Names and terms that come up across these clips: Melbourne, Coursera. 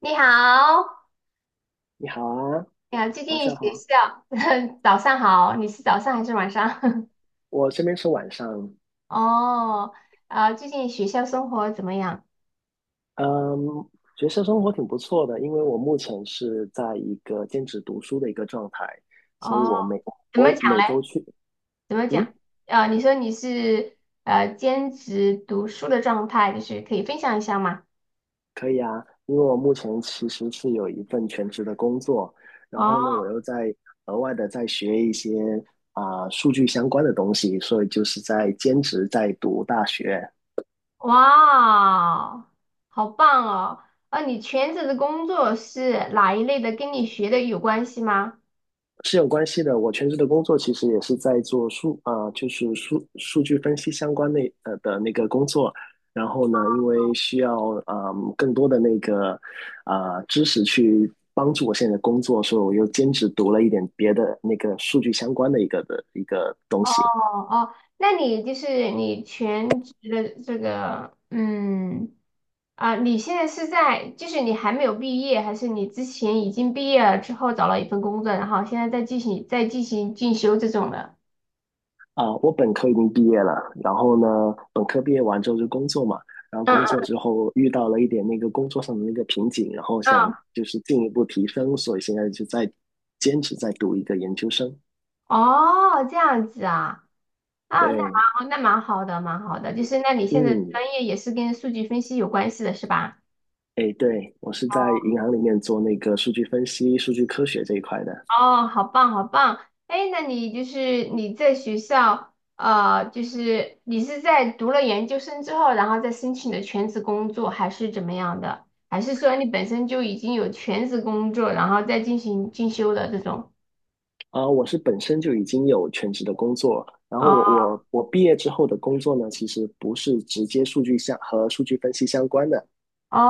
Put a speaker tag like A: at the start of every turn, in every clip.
A: 你好，
B: 你好啊，
A: 你好，最
B: 晚
A: 近
B: 上
A: 学
B: 好。
A: 校，早上好，你是早上还是晚上？
B: 我这边是晚上，
A: 哦，啊，最近学校生活怎么样？
B: 嗯，学校生活挺不错的，因为我目前是在一个兼职读书的一个状态，所以
A: 哦，
B: 我每
A: 怎么
B: 我
A: 讲
B: 每
A: 嘞？
B: 周去。
A: 怎么讲？
B: 嗯，
A: 啊，你说你是兼职读书的状态，就是可以分享一下吗？
B: 可以啊，因为我目前其实是有一份全职的工作，然后呢，
A: 哦，
B: 我又在额外的在学一些数据相关的东西，所以就是在兼职在读大学。
A: 哇，好棒哦！啊，你全职的工作是哪一类的？跟你学的有关系吗？
B: 是有关系的。我全职的工作其实也是在做数啊、就是数数据分析相关的那个工作。然后呢，因为需要更多的那个知识去帮助我现在的工作，所以我又兼职读了一点别的那个数据相关的一个东西。
A: 哦哦，那你就是你全职的这个，嗯。啊，你现在是在，就是你还没有毕业，还是你之前已经毕业了之后找了一份工作，然后现在在进行进修这种的？
B: 啊，我本科已经毕业了，然后呢，本科毕业完之后就工作嘛，然后工
A: 嗯
B: 作之后遇到了一点那个工作上的那个瓶颈，然后想
A: 嗯，
B: 就是进一步提升，所以现在就在坚持在读一个研究生。
A: 哦，这样子啊，啊，那蛮
B: 对。
A: 好，那蛮好的，蛮好的，就是那你现在
B: 嗯，
A: 专业也是跟数据分析有关系的是吧？
B: 哎，对，我是在银行里面做那个数据分析、数据科学这一块的。
A: 哦，好棒，好棒！哎，那你就是你在学校，就是你是在读了研究生之后，然后再申请的全职工作，还是怎么样的？还是说你本身就已经有全职工作，然后再进行进修的这种？
B: 我是本身就已经有全职的工作，然后我
A: 哦
B: 我我毕业之后的工作呢，其实不是直接数据相和数据分析相关的，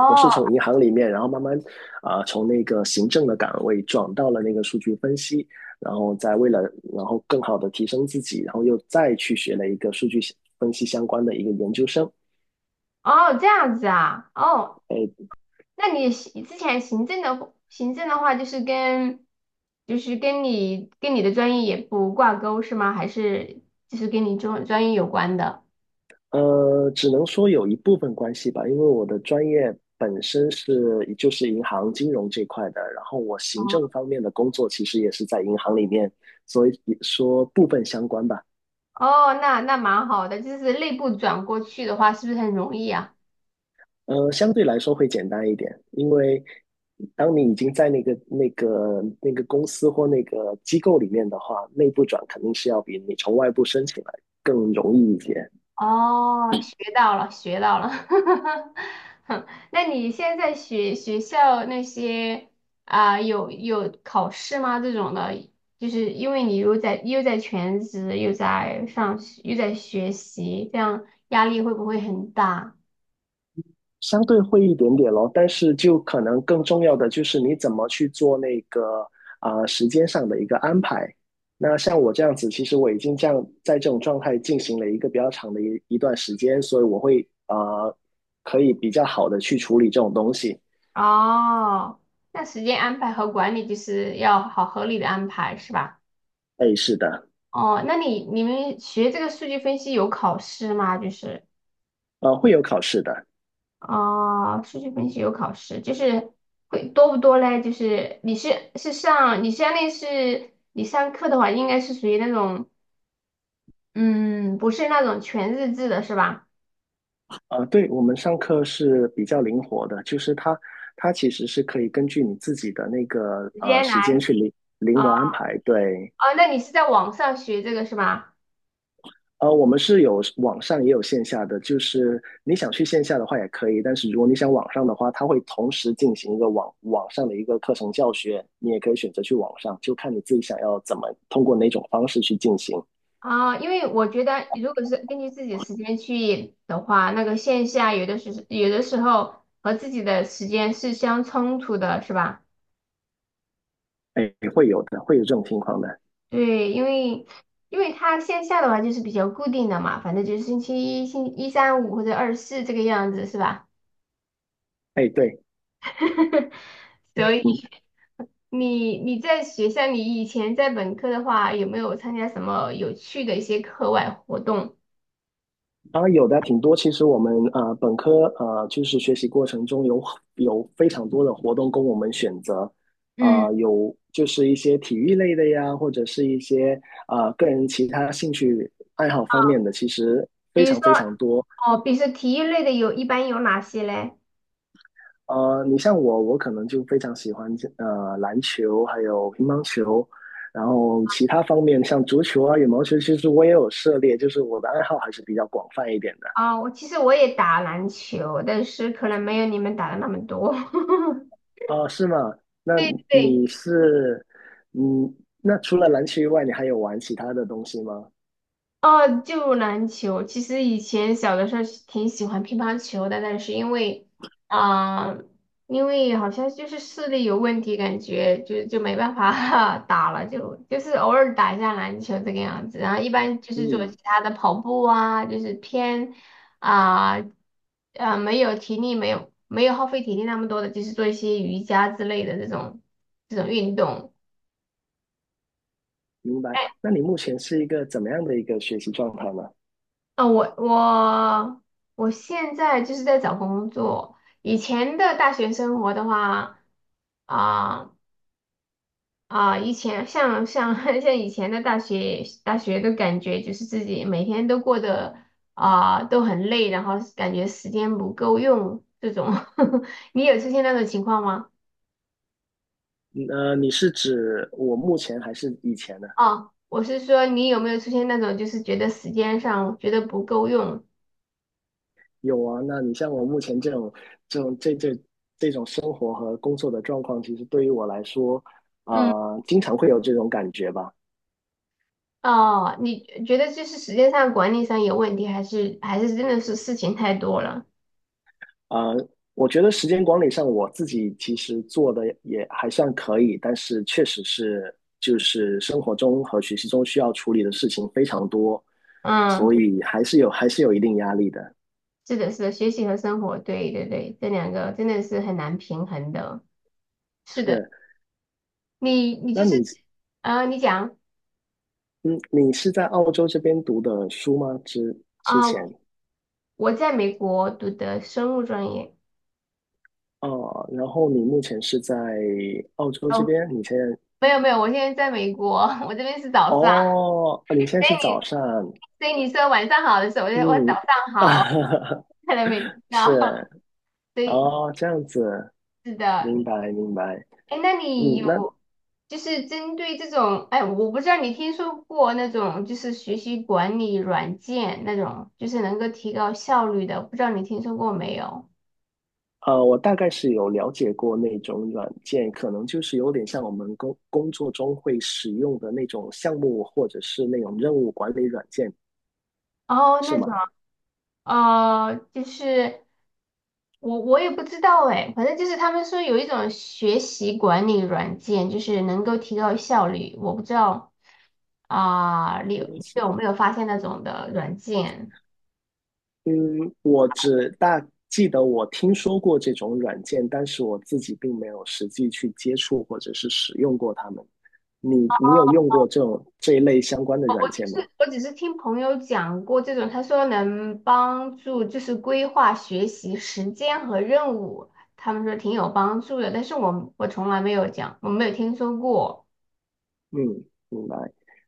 B: 我是从银行里面，然后慢慢从那个行政的岗位转到了那个数据分析，然后再为了然后更好的提升自己，然后又再去学了一个数据分析相关的一个研究生。
A: 哦，这样子啊，哦，
B: 哎，
A: 那你之前行政的话，就是跟就是跟你跟你的专业也不挂钩是吗？还是就是跟你专业有关的？
B: 只能说有一部分关系吧，因为我的专业本身是就是银行金融这块的，然后我行
A: 哦。
B: 政方面的工作其实也是在银行里面，所以说部分相关吧。
A: 哦，那蛮好的，就是内部转过去的话，是不是很容易啊？
B: 相对来说会简单一点，因为当你已经在那个公司或那个机构里面的话，内部转肯定是要比你从外部申请来更容易一些，
A: 哦，学到了，学到了。哼，那你现在学校那些有考试吗？这种的，就是因为你又在全职，又在上学，又在学习，这样压力会不会很大？
B: 相对会一点点咯。但是就可能更重要的就是你怎么去做那个时间上的一个安排。那像我这样子，其实我已经这样在这种状态进行了一个比较长的一段时间，所以我会呃可以比较好的去处理这种东西。
A: 哦，那时间安排和管理就是要好合理的安排，是吧？
B: 哎，是的。
A: 哦，那你们学这个数据分析有考试吗？就是
B: 呃，会有考试的。
A: 数据分析有考试，就是会多不多嘞？就是你相当于是你上课的话，应该是属于那种嗯，不是那种全日制的是吧？
B: 呃，对，我们上课是比较灵活的，就是它它其实是可以根据你自己的那个
A: 直接
B: 时间
A: 来
B: 去灵活安排。对。
A: 哦，那你是在网上学这个是吧？
B: 呃，我们是有网上也有线下的，就是你想去线下的话也可以，但是如果你想网上的话，它会同时进行一个网上的一个课程教学，你也可以选择去网上，就看你自己想要怎么通过哪种方式去进行。
A: 因为我觉得如果是根据自己的时间去的话，那个线下有的时候和自己的时间是相冲突的，是吧？
B: 哎，会有的，会有这种情况的。
A: 对，因为它线下的话就是比较固定的嘛，反正就是星期一、星一三五或者二四这个样子，是吧？
B: 哎，对。
A: 所
B: 嗯。
A: 以你在学校，你以前在本科的话，有没有参加什么有趣的一些课外活动？
B: 当然有的挺多。其实我们本科就是学习过程中有非常多的活动供我们选择。
A: 嗯，
B: 有就是一些体育类的呀，或者是一些个人其他兴趣爱好方面的，其实
A: 比
B: 非
A: 如说，
B: 常非常多。
A: 哦，比如说体育类的有，一般有哪些嘞？
B: 呃，你像我，我可能就非常喜欢篮球，还有乒乓球，然后其他方面像足球啊、羽毛球，其实我也有涉猎，就是我的爱好还是比较广泛一点的。
A: 其实我也打篮球，但是可能没有你们打的那么多。
B: 哦，是吗？那
A: 对对，
B: 你是，嗯，那除了篮球以外，你还有玩其他的东西吗？
A: 哦，就篮球。其实以前小的时候是挺喜欢乒乓球的，但是因为啊、因为好像就是视力有问题，感觉就没办法 打了，就是偶尔打一下篮球这个样子。然后一般就是做其
B: 嗯，
A: 他的跑步啊，就是偏啊没有体力，没有耗费体力那么多的，就是做一些瑜伽之类的这种运动。
B: 明白。
A: 哎
B: 那你目前是一个怎么样的一个学习状态呢？
A: 啊，我现在就是在找工作。以前的大学生活的话，啊、以前像 像以前的大学的感觉，就是自己每天都过得都很累，然后感觉时间不够用这种。你有出现那种情况吗？
B: 你是指我目前还是以前呢？
A: 哦，我是说你有没有出现那种就是觉得时间上觉得不够用？
B: 有啊，那你像我目前这种这种这这这种生活和工作的状况，其实对于我来说，
A: 嗯。
B: 经常会有这种感觉吧。
A: 哦，你觉得这是时间上管理上有问题，还是真的是事情太多了？
B: 啊，我觉得时间管理上我自己其实做的也还算可以，但是确实是就是生活中和学习中需要处理的事情非常多，
A: 嗯，
B: 所
A: 对，
B: 以还是有一定压力的。
A: 是的，是的，学习和生活，对对对，这两个真的是很难平衡的。是的，
B: 是，
A: 你
B: 那
A: 就是
B: 你
A: 你讲
B: 嗯，你是在澳洲这边读的书吗？之
A: 啊，
B: 前
A: 我在美国读的生物专业。
B: 哦，然后你目前是在澳洲这
A: 哦，
B: 边，你现在
A: 没有没有，我现在在美国，我这边是早上，
B: 哦，你现在是早上。
A: 所以你说晚上好的时候，我就我早
B: 嗯，
A: 上好，看来没听到。
B: 是
A: 所以
B: 哦，这样子。
A: 是的，
B: 明白，明白。
A: 哎，那你
B: 嗯，
A: 有
B: 那
A: 就是针对这种，哎，我不知道你听说过那种就是学习管理软件那种，就是能够提高效率的，不知道你听说过没有？
B: 我大概是有了解过那种软件，可能就是有点像我们工作中会使用的那种项目或者是那种任务管理软件，
A: 哦，
B: 是
A: 那种，
B: 吗？
A: 就是我也不知道哎，反正就是他们说有一种学习管理软件，就是能够提高效率，我不知道啊，你有
B: 学
A: 你
B: 习。
A: 有没有发现那种的软件？
B: 嗯，我只大记得我听说过这种软件，但是我自己并没有实际去接触或者是使用过它们。你有用过这种这一类相关的软件吗？
A: 我只是听朋友讲过这种，他说能帮助就是规划学习时间和任务，他们说挺有帮助的，但是我从来没有讲，我没有听说过。
B: 嗯，明白。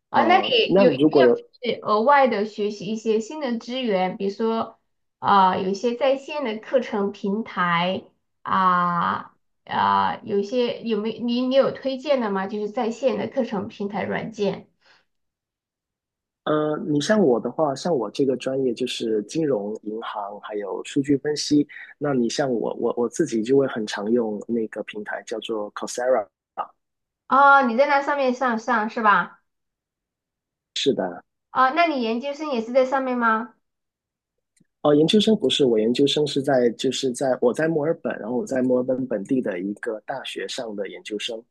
A: 啊，那你
B: 呃，那
A: 有有没
B: 如果有
A: 有就是额外的学习一些新的资源，比如说有一些在线的课程平台啊有一些有没你你有推荐的吗？就是在线的课程平台软件
B: 呃，你像我的话，像我这个专业就是金融、银行还有数据分析。那你像我，我自己就会很常用那个平台叫做 Coursera。
A: 啊，你在那上面上是吧？
B: 是的。
A: 哦，那你研究生也是在上面吗？
B: 哦，研究生不是，我研究生是在就是在我在墨尔本，然后我在墨尔本本地的一个大学上的研究生。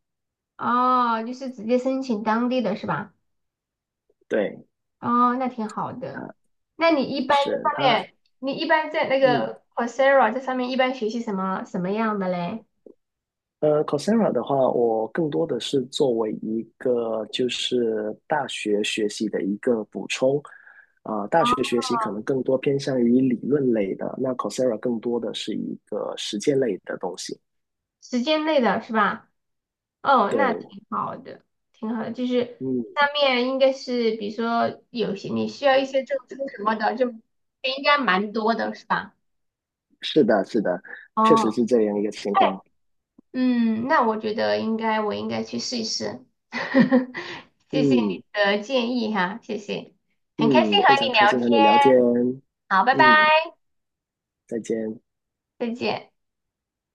A: 哦，就是直接申请当地的是吧？
B: 对，
A: 哦，那挺好的。
B: 他
A: 那你一般在
B: 是
A: 上
B: 他，
A: 面，你一般在那
B: 嗯。
A: 个 Coursera 这上面一般学习什么样的嘞？
B: 呃，Coursera 的话，我更多的是作为一个就是大学学习的一个补充。大学
A: 哦，
B: 学习可能更多偏向于理论类的，那 Coursera 更多的是一个实践类的东西。
A: 时间内的是吧？哦，那
B: 对。
A: 挺好的，挺好的。就是
B: 嗯，
A: 上面应该是，比如说有些你需要一些证书什么的，就应该蛮多的是吧？
B: 是的，是的，确实
A: 哦，
B: 是这样一个情
A: 哎。
B: 况。
A: 嗯，那我觉得应该，我应该去试一试。谢谢你
B: 嗯
A: 的建议哈，谢谢，很开
B: 嗯，
A: 心和
B: 非常
A: 你
B: 开
A: 聊
B: 心
A: 天。
B: 和你聊天。
A: 好，拜拜，
B: 嗯，再见。
A: 再见。